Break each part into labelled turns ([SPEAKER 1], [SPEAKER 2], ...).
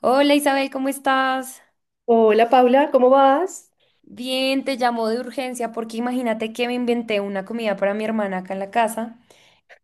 [SPEAKER 1] Hola Isabel, ¿cómo estás?
[SPEAKER 2] Hola Paula, ¿cómo vas?
[SPEAKER 1] Bien, te llamo de urgencia porque imagínate que me inventé una comida para mi hermana acá en la casa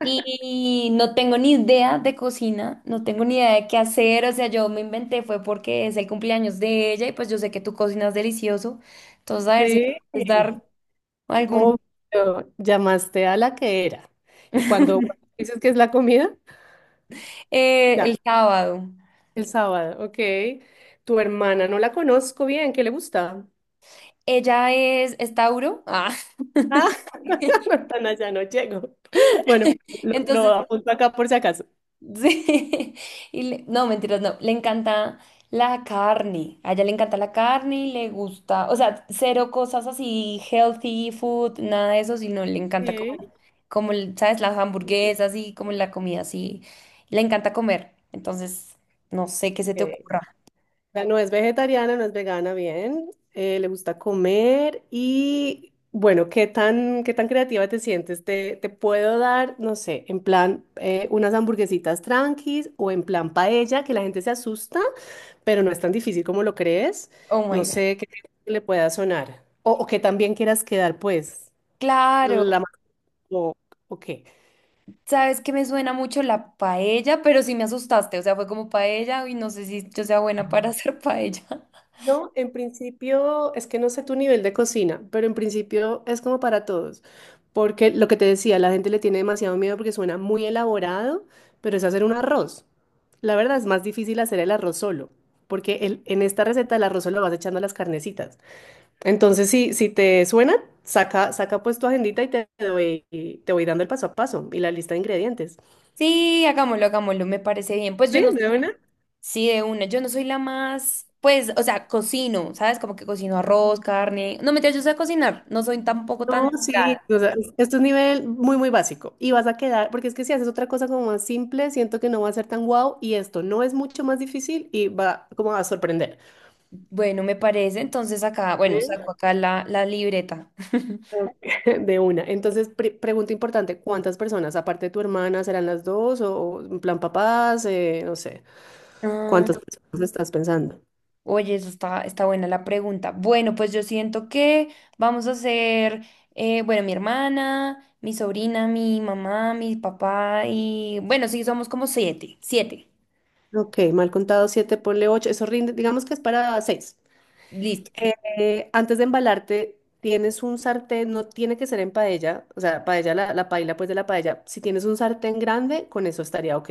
[SPEAKER 1] y no tengo ni idea de cocina, no tengo ni idea de qué hacer, o sea, yo me inventé fue porque es el cumpleaños de ella y pues yo sé que tú cocinas delicioso, entonces a ver si me
[SPEAKER 2] Sí,
[SPEAKER 1] puedes dar algún...
[SPEAKER 2] obvio, llamaste a la que era. Y cuando dices que es la comida, ya,
[SPEAKER 1] El sábado.
[SPEAKER 2] el sábado, ok. Tu hermana, no la conozco bien, ¿qué le gusta?
[SPEAKER 1] Ella es Tauro, ah,
[SPEAKER 2] Ah, no, tan allá no llego. Bueno, lo
[SPEAKER 1] entonces
[SPEAKER 2] apunto acá por si acaso.
[SPEAKER 1] sí, no, mentiras, no, le encanta la carne, a ella le encanta la carne y le gusta, o sea, cero cosas así, healthy food, nada de eso, sino le encanta como, ¿sabes? Las hamburguesas y como la comida así, le encanta comer, entonces, no sé qué se te
[SPEAKER 2] Ok.
[SPEAKER 1] ocurra.
[SPEAKER 2] sea, no es vegetariana, no es vegana, bien. Le gusta comer y bueno, ¿qué tan creativa te sientes? ¿Te puedo dar, no sé, en plan unas hamburguesitas tranquis o en plan paella, que la gente se asusta, pero no es tan difícil como lo crees?
[SPEAKER 1] Oh
[SPEAKER 2] No
[SPEAKER 1] my God.
[SPEAKER 2] sé qué le pueda sonar. O que también quieras quedar, pues, la...
[SPEAKER 1] Claro,
[SPEAKER 2] o o qué.
[SPEAKER 1] sabes que me suena mucho la paella, pero sí me asustaste, o sea, fue como paella y no sé si yo sea buena para hacer paella.
[SPEAKER 2] No, en principio, es que no sé tu nivel de cocina, pero en principio es como para todos, porque lo que te decía, la gente le tiene demasiado miedo porque suena muy elaborado, pero es hacer un arroz. La verdad es más difícil hacer el arroz solo, porque en esta receta el arroz solo vas echando a las carnecitas. Entonces, si te suena, saca, saca pues tu agendita y te voy dando el paso a paso y la lista de ingredientes.
[SPEAKER 1] Sí, hagámoslo, hagámoslo, me parece bien. Pues yo
[SPEAKER 2] ¿Sí?
[SPEAKER 1] no.
[SPEAKER 2] ¿De una?
[SPEAKER 1] Sí, de una. Yo no soy la más, pues, o sea, cocino, ¿sabes? Como que cocino arroz, carne. No, mentira, yo sé cocinar. No soy tampoco tan
[SPEAKER 2] No,
[SPEAKER 1] delgada.
[SPEAKER 2] sí, o sea, esto es un nivel muy, muy básico. Y vas a quedar, porque es que si haces otra cosa como más simple, siento que no va a ser tan guau y esto no es mucho más difícil y va como a sorprender.
[SPEAKER 1] Bueno, me parece. Entonces acá, bueno,
[SPEAKER 2] ¿Eh?
[SPEAKER 1] saco acá la libreta.
[SPEAKER 2] De una. Entonces, pregunta importante, ¿cuántas personas, aparte de tu hermana, serán las dos o en plan papás? No sé,
[SPEAKER 1] Ah,
[SPEAKER 2] ¿cuántas personas estás pensando?
[SPEAKER 1] oye, eso está, está buena la pregunta. Bueno, pues yo siento que vamos a hacer, bueno, mi hermana, mi sobrina, mi mamá, mi papá y, bueno, sí, somos como siete, siete.
[SPEAKER 2] Ok, mal contado 7 ponle 8, eso rinde, digamos que es para seis.
[SPEAKER 1] Listo.
[SPEAKER 2] Antes de embalarte, tienes un sartén, no tiene que ser en paella, o sea, paella, la paila pues de la paella. Si tienes un sartén grande, con eso estaría ok.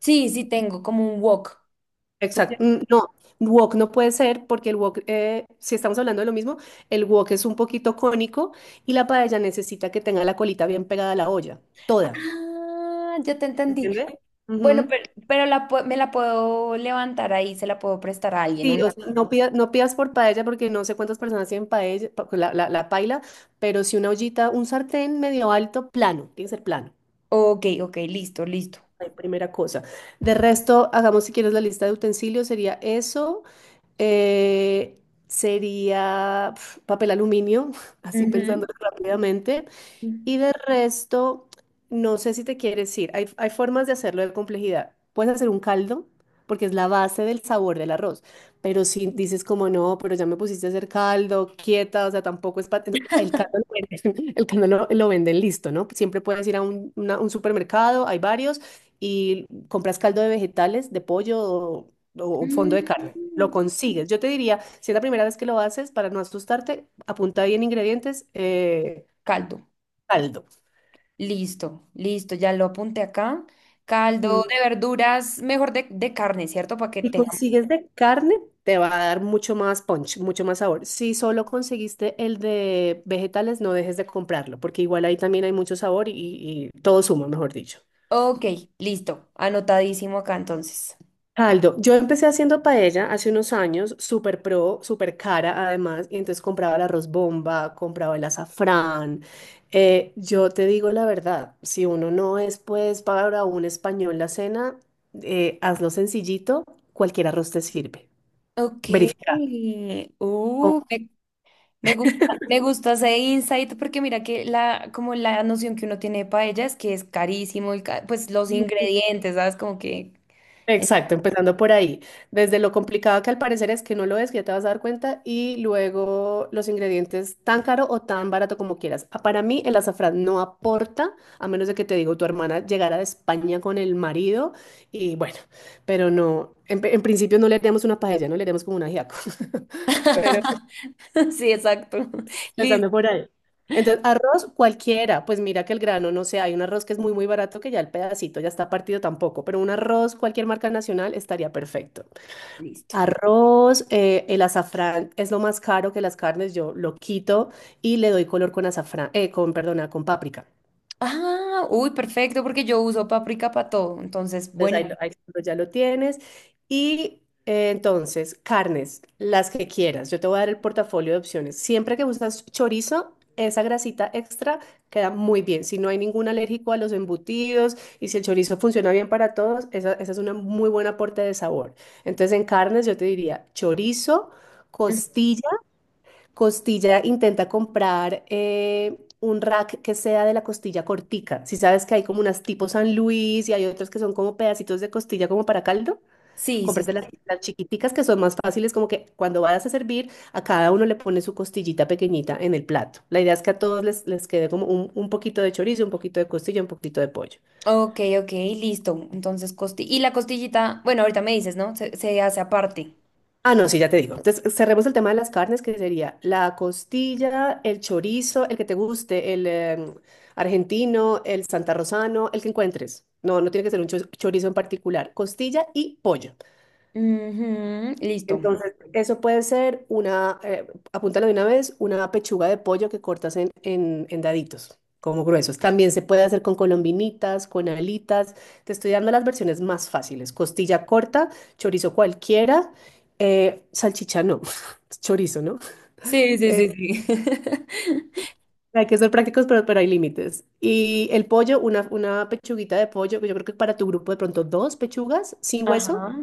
[SPEAKER 1] Sí, sí, tengo como un wok.
[SPEAKER 2] Exacto, no, wok no puede ser porque el wok, si estamos hablando de lo mismo, el wok es un poquito cónico y la paella necesita que tenga la colita bien pegada a la olla, toda.
[SPEAKER 1] Ah, ya te entendí.
[SPEAKER 2] ¿Entiendes?
[SPEAKER 1] Bueno, pero me la puedo levantar ahí, se la puedo prestar a alguien.
[SPEAKER 2] Sí,
[SPEAKER 1] Una...
[SPEAKER 2] o sea, no pidas, no pidas por paella porque no sé cuántas personas tienen paella, pues, la paila, pero si una ollita, un sartén medio alto, plano, tiene que ser plano,
[SPEAKER 1] Ok, ok, listo, listo.
[SPEAKER 2] la primera cosa. De resto, hagamos si quieres la lista de utensilios, sería eso, eh, sería papel aluminio, así pensando
[SPEAKER 1] Ujú.
[SPEAKER 2] rápidamente, y de resto, no sé si te quieres ir. Hay formas de hacerlo de complejidad. Puedes hacer un caldo, porque es la base del sabor del arroz. Pero si dices como no, pero ya me pusiste a hacer caldo, quieta, o sea, tampoco es para... El caldo lo venden, el caldo lo venden listo, ¿no? Siempre puedes ir a un supermercado, hay varios, y compras caldo de vegetales, de pollo o fondo de carne. Lo
[SPEAKER 1] Mm.
[SPEAKER 2] consigues. Yo te diría, si es la primera vez que lo haces, para no asustarte, apunta bien ingredientes,
[SPEAKER 1] Caldo.
[SPEAKER 2] caldo.
[SPEAKER 1] Listo, listo, ya lo apunté acá.
[SPEAKER 2] Ujú.
[SPEAKER 1] Caldo de verduras, mejor de carne, ¿cierto? Para que
[SPEAKER 2] Si
[SPEAKER 1] tenga.
[SPEAKER 2] consigues de carne, te va a dar mucho más punch, mucho más sabor. Si solo conseguiste el de vegetales, no dejes de comprarlo, porque igual ahí también hay mucho sabor y todo suma, mejor dicho.
[SPEAKER 1] Ok, listo, anotadísimo acá entonces.
[SPEAKER 2] Caldo. Yo empecé haciendo paella hace unos años, súper pro, súper cara además, y entonces compraba el arroz bomba, compraba el azafrán. Yo te digo la verdad, si uno no es pues para un español la cena, hazlo sencillito, cualquier arroz te sirve.
[SPEAKER 1] Ok.
[SPEAKER 2] Verifica.
[SPEAKER 1] Uh, me gusta, me gusta ese insight porque mira que la, como la noción que uno tiene de paella es que es carísimo y ca- pues los ingredientes, ¿sabes? Como que...
[SPEAKER 2] Exacto, empezando por ahí. Desde lo complicado que al parecer es que no lo es, que ya te vas a dar cuenta, y luego los ingredientes tan caro o tan barato como quieras. Ah, para mí el azafrán no aporta, a menos de que te digo, tu hermana llegara de España con el marido y bueno, pero no, en principio no le haríamos una paella, no le haríamos como un ajiaco, pero
[SPEAKER 1] Sí, exacto. Listo.
[SPEAKER 2] empezando por ahí. Entonces, arroz cualquiera, pues mira que el grano, no sé, hay un arroz que es muy, muy barato que ya el pedacito ya está partido tampoco, pero un arroz, cualquier marca nacional, estaría perfecto.
[SPEAKER 1] Listo.
[SPEAKER 2] Arroz, el azafrán es lo más caro que las carnes, yo lo quito y le doy color con azafrán, con, perdona, con páprica.
[SPEAKER 1] Ah, uy, perfecto, porque yo uso paprika para todo, entonces,
[SPEAKER 2] Entonces
[SPEAKER 1] bueno.
[SPEAKER 2] ahí, ahí ya lo tienes. Y entonces, carnes, las que quieras. Yo te voy a dar el portafolio de opciones. Siempre que usas chorizo, esa grasita extra queda muy bien. Si no hay ningún alérgico a los embutidos y si el chorizo funciona bien para todos, esa es una muy buen aporte de sabor. Entonces, en carnes yo te diría chorizo,
[SPEAKER 1] Mm,
[SPEAKER 2] costilla. Costilla intenta comprar un rack que sea de la costilla cortica. Si sabes que hay como unas tipo San Luis y hay otras que son como pedacitos de costilla como para caldo,
[SPEAKER 1] sí, sí,
[SPEAKER 2] cómprate
[SPEAKER 1] sí,
[SPEAKER 2] las,
[SPEAKER 1] sí.
[SPEAKER 2] las chiquiticas que son más fáciles, como que cuando vayas a servir, a cada uno le pones su costillita pequeñita en el plato. La idea es que a todos les quede como un poquito de chorizo, un poquito de costilla, un poquito de pollo.
[SPEAKER 1] Ok, ok, listo. Entonces, costi y la costillita, bueno, ahorita me dices, ¿no? Se hace aparte.
[SPEAKER 2] Ah, no, sí, ya te digo. Entonces, cerremos el tema de las carnes, que sería la costilla, el chorizo, el que te guste, el argentino, el santarrosano, el que encuentres. No, no tiene que ser un chorizo en particular. Costilla y pollo.
[SPEAKER 1] Ujú, listo.
[SPEAKER 2] Entonces, eso puede ser apúntalo de una vez, una pechuga de pollo que cortas en, en daditos, como gruesos. También se puede hacer con colombinitas, con alitas. Te estoy dando las versiones más fáciles. Costilla corta, chorizo cualquiera, salchicha no, chorizo, ¿no?
[SPEAKER 1] Sí, sí,
[SPEAKER 2] Eh,
[SPEAKER 1] sí, sí.
[SPEAKER 2] hay que ser prácticos, pero hay límites. Y el pollo, una pechuguita de pollo, yo creo que para tu grupo de pronto dos pechugas sin hueso.
[SPEAKER 1] Ajá.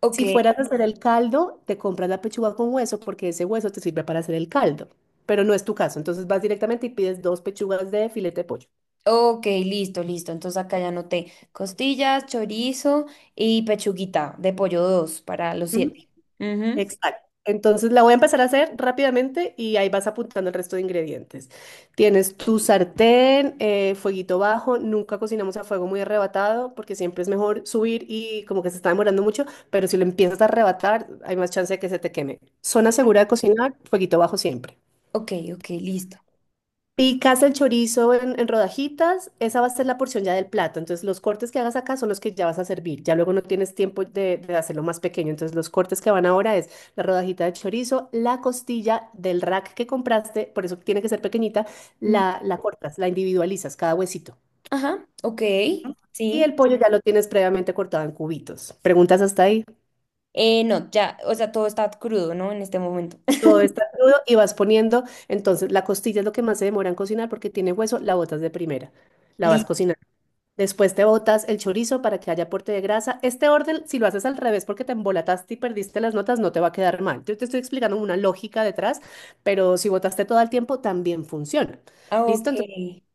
[SPEAKER 1] Ok.
[SPEAKER 2] Si fueras a hacer el caldo, te compras la pechuga con hueso porque ese hueso te sirve para hacer el caldo, pero no es tu caso. Entonces vas directamente y pides dos pechugas de filete de pollo.
[SPEAKER 1] Ok, listo, listo. Entonces acá ya anoté costillas, chorizo y pechuguita de pollo 2 para los
[SPEAKER 2] ¿Mm?
[SPEAKER 1] siete. Ujú.
[SPEAKER 2] Exacto. Entonces la voy a empezar a hacer rápidamente y ahí vas apuntando el resto de ingredientes. Tienes tu sartén, fueguito bajo. Nunca cocinamos a fuego muy arrebatado porque siempre es mejor subir y como que se está demorando mucho, pero si lo empiezas a arrebatar hay más chance de que se te queme. Zona segura de cocinar, fueguito bajo siempre.
[SPEAKER 1] Ok, ok, listo.
[SPEAKER 2] Picas el chorizo en, rodajitas, esa va a ser la porción ya del plato. Entonces, los cortes que hagas acá son los que ya vas a servir. Ya luego no tienes tiempo de hacerlo más pequeño. Entonces, los cortes que van ahora es la rodajita de chorizo, la costilla del rack que compraste, por eso tiene que ser pequeñita,
[SPEAKER 1] Ujú.
[SPEAKER 2] la cortas, la individualizas, cada huesito.
[SPEAKER 1] Ajá, ok,
[SPEAKER 2] Y el
[SPEAKER 1] sí.
[SPEAKER 2] pollo ya lo tienes previamente cortado en cubitos. Preguntas hasta ahí.
[SPEAKER 1] No, ya, o sea, todo está crudo, ¿no? En este momento.
[SPEAKER 2] Todo está crudo y vas poniendo. Entonces, la costilla es lo que más se demora en cocinar porque tiene hueso, la botas de primera. La vas
[SPEAKER 1] Listo.
[SPEAKER 2] cocinando. Después te botas el chorizo para que haya aporte de grasa. Este orden, si lo haces al revés porque te embolataste y perdiste las notas, no te va a quedar mal. Yo te estoy explicando una lógica detrás, pero si botaste todo el tiempo, también funciona.
[SPEAKER 1] Ok,
[SPEAKER 2] ¿Listo? Entonces,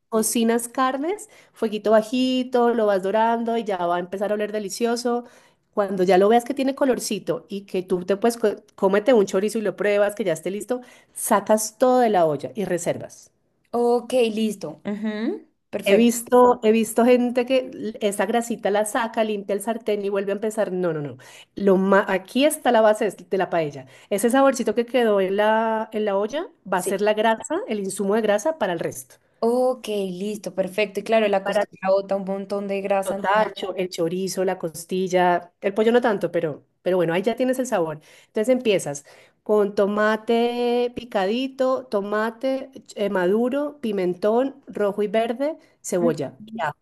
[SPEAKER 2] cocinas carnes, fueguito bajito, lo vas dorando y ya va a empezar a oler delicioso. Cuando ya lo veas que tiene colorcito y que tú te puedes, cómete un chorizo y lo pruebas, que ya esté listo, sacas todo de la olla y reservas.
[SPEAKER 1] ok, listo. Ujú,
[SPEAKER 2] He
[SPEAKER 1] perfecto,
[SPEAKER 2] visto, he visto gente que esa grasita la saca, limpia el sartén y vuelve a empezar. No, no, no. Aquí está la base de la paella. Ese saborcito que quedó en la olla va a
[SPEAKER 1] sí.
[SPEAKER 2] ser la grasa, el insumo de grasa para el resto.
[SPEAKER 1] Ok, listo, perfecto. Y claro, la
[SPEAKER 2] Para
[SPEAKER 1] costilla bota un montón de grasa.
[SPEAKER 2] el
[SPEAKER 1] Entonces-
[SPEAKER 2] tacho, el chorizo, la costilla, el pollo no tanto, pero bueno, ahí ya tienes el sabor. Entonces empiezas con tomate picadito, tomate maduro, pimentón rojo y verde,
[SPEAKER 1] Ujú.
[SPEAKER 2] cebolla y ajo.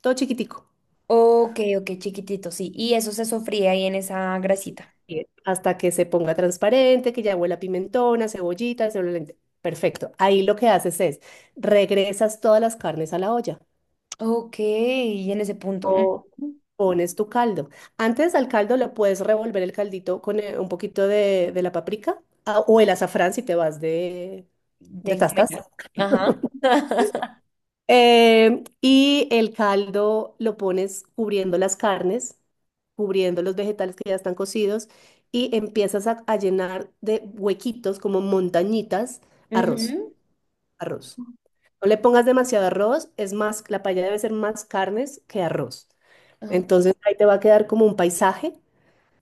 [SPEAKER 2] Todo chiquitico.
[SPEAKER 1] Ok, ok, chiquitito, sí. Y eso se sofría ahí en esa grasita.
[SPEAKER 2] Hervir hasta que se ponga transparente, que ya huela a pimentón, a cebollita, se vuelve. Perfecto. Ahí lo que haces es regresas todas las carnes a la olla
[SPEAKER 1] Ok, y en ese punto. Ujú,
[SPEAKER 2] o pones tu caldo. Antes al caldo le puedes revolver el caldito con un poquito de la paprika o el azafrán si te vas de,
[SPEAKER 1] de
[SPEAKER 2] de tastas.
[SPEAKER 1] Gomera. Ajá.
[SPEAKER 2] Y el caldo lo pones cubriendo las carnes, cubriendo los vegetales que ya están cocidos y empiezas a llenar de huequitos como montañitas arroz,
[SPEAKER 1] Ujú.
[SPEAKER 2] arroz. No le pongas demasiado arroz, es más, la paella debe ser más carnes que arroz.
[SPEAKER 1] Ah,
[SPEAKER 2] Entonces ahí te va a quedar como un paisaje,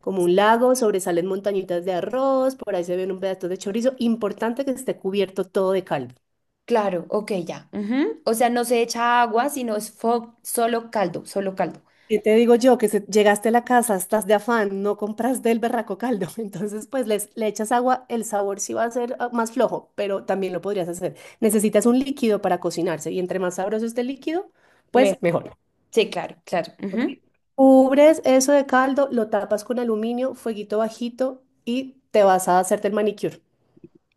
[SPEAKER 2] como un lago, sobresalen montañitas de arroz, por ahí se ven un pedazo de chorizo. Importante que esté cubierto todo de caldo.
[SPEAKER 1] claro, ok, ya. Ujú. O sea, no se echa agua, sino es fo- solo caldo, solo caldo.
[SPEAKER 2] Y te digo yo que llegaste a la casa, estás de afán, no compras del berraco caldo, entonces pues le echas agua, el sabor sí va a ser más flojo, pero también lo podrías hacer. Necesitas un líquido para cocinarse y entre más sabroso esté el líquido,
[SPEAKER 1] Me-
[SPEAKER 2] pues mejor.
[SPEAKER 1] Sí, claro, claro.
[SPEAKER 2] ¿Ok?
[SPEAKER 1] Ujú.
[SPEAKER 2] Cubres eso de caldo, lo tapas con aluminio, fueguito bajito y te vas a hacerte el manicure,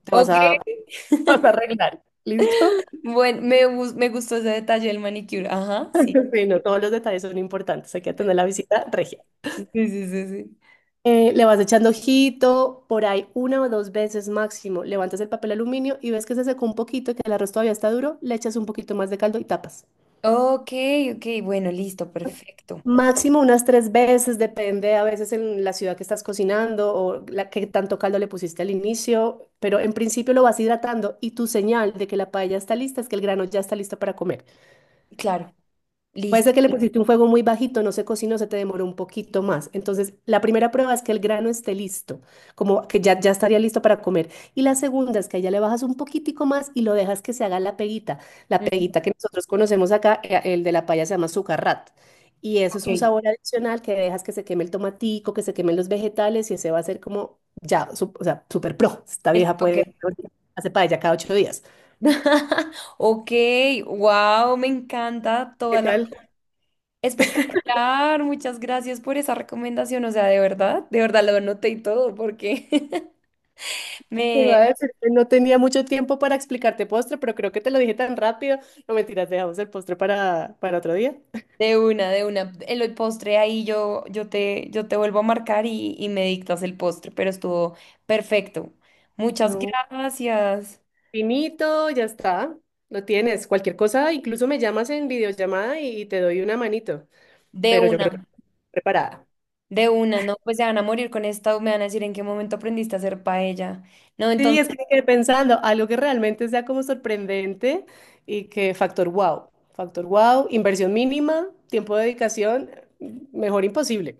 [SPEAKER 2] te vas
[SPEAKER 1] Ok.
[SPEAKER 2] a, vas a arreglar, ¿listo?
[SPEAKER 1] Bueno, me gustó ese detalle del manicure. Ajá, sí.
[SPEAKER 2] Sí, no, todos los detalles son importantes, hay que atender la visita regia.
[SPEAKER 1] Sí, sí, sí, sí.
[SPEAKER 2] Le vas echando ojito, por ahí una o dos veces máximo. Levantas el papel aluminio y ves que se secó un poquito, que el arroz todavía está duro, le echas un poquito más de caldo y tapas.
[SPEAKER 1] Ok, ok, bueno, listo, perfecto.
[SPEAKER 2] Máximo unas tres veces, depende a veces en la ciudad que estás cocinando o la que tanto caldo le pusiste al inicio, pero en principio lo vas hidratando y tu señal de que la paella está lista es que el grano ya está listo para comer.
[SPEAKER 1] Claro,
[SPEAKER 2] Puede
[SPEAKER 1] listo.
[SPEAKER 2] ser que le pusiste un fuego muy bajito, no se cocinó, se te demoró un poquito más. Entonces, la primera prueba es que el grano esté listo, como que ya, ya estaría listo para comer. Y la segunda es que ya le bajas un poquitico más y lo dejas que se haga la peguita. La
[SPEAKER 1] Mm,
[SPEAKER 2] peguita que nosotros conocemos acá, el de la paya se llama sucarrat. Y eso es un
[SPEAKER 1] ok,
[SPEAKER 2] sabor adicional que dejas que se queme el tomatico, que se quemen los vegetales y ese va a ser como ya, o sea, super pro. Esta
[SPEAKER 1] el
[SPEAKER 2] vieja
[SPEAKER 1] toque.
[SPEAKER 2] puede hacer paella cada 8 días.
[SPEAKER 1] Ok, wow, me encanta
[SPEAKER 2] ¿Qué
[SPEAKER 1] toda la... rec-
[SPEAKER 2] tal?
[SPEAKER 1] Espectacular, muchas gracias por esa recomendación, o sea, de verdad lo anoté y todo, porque
[SPEAKER 2] Te iba
[SPEAKER 1] me...
[SPEAKER 2] a decir que no tenía mucho tiempo para explicarte postre, pero creo que te lo dije tan rápido. No mentiras, dejamos el postre para otro día.
[SPEAKER 1] De una, de una. El postre ahí yo, yo te vuelvo a marcar y me dictas el postre, pero estuvo perfecto. Muchas
[SPEAKER 2] No.
[SPEAKER 1] gracias.
[SPEAKER 2] Finito, ya está. Lo tienes. Cualquier cosa, incluso me llamas en videollamada y te doy una manito.
[SPEAKER 1] De
[SPEAKER 2] Pero yo creo que
[SPEAKER 1] una,
[SPEAKER 2] estoy preparada.
[SPEAKER 1] de una, no, pues se van a morir con esta, me van a decir en qué momento aprendiste a hacer paella. No,
[SPEAKER 2] Sí, es que
[SPEAKER 1] entonces...
[SPEAKER 2] me quedé pensando, algo que realmente sea como sorprendente y que factor wow. Factor wow, inversión mínima, tiempo de dedicación, mejor imposible.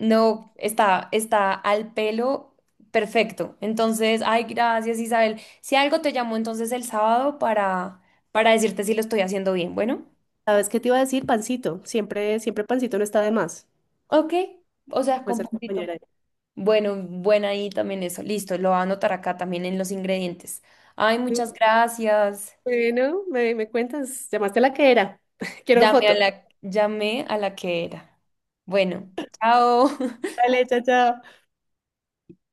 [SPEAKER 1] No, está, está al pelo, perfecto. Entonces, ay, gracias, Isabel. Si algo te llamo entonces el sábado para decirte si lo estoy haciendo bien. Bueno,
[SPEAKER 2] ¿Sabes qué te iba a decir? Pancito. Siempre, siempre pancito no está de más.
[SPEAKER 1] ok. O sea,
[SPEAKER 2] Pues
[SPEAKER 1] con
[SPEAKER 2] al compañero.
[SPEAKER 1] puntito. Bueno, buena ahí también eso. Listo, lo voy a anotar acá también en los ingredientes. Ay,
[SPEAKER 2] Ahí.
[SPEAKER 1] muchas gracias.
[SPEAKER 2] Bueno, me cuentas, llamaste a la que era. Quiero foto.
[SPEAKER 1] Llamé a la que era. Bueno, chao.
[SPEAKER 2] Dale, chao, chao.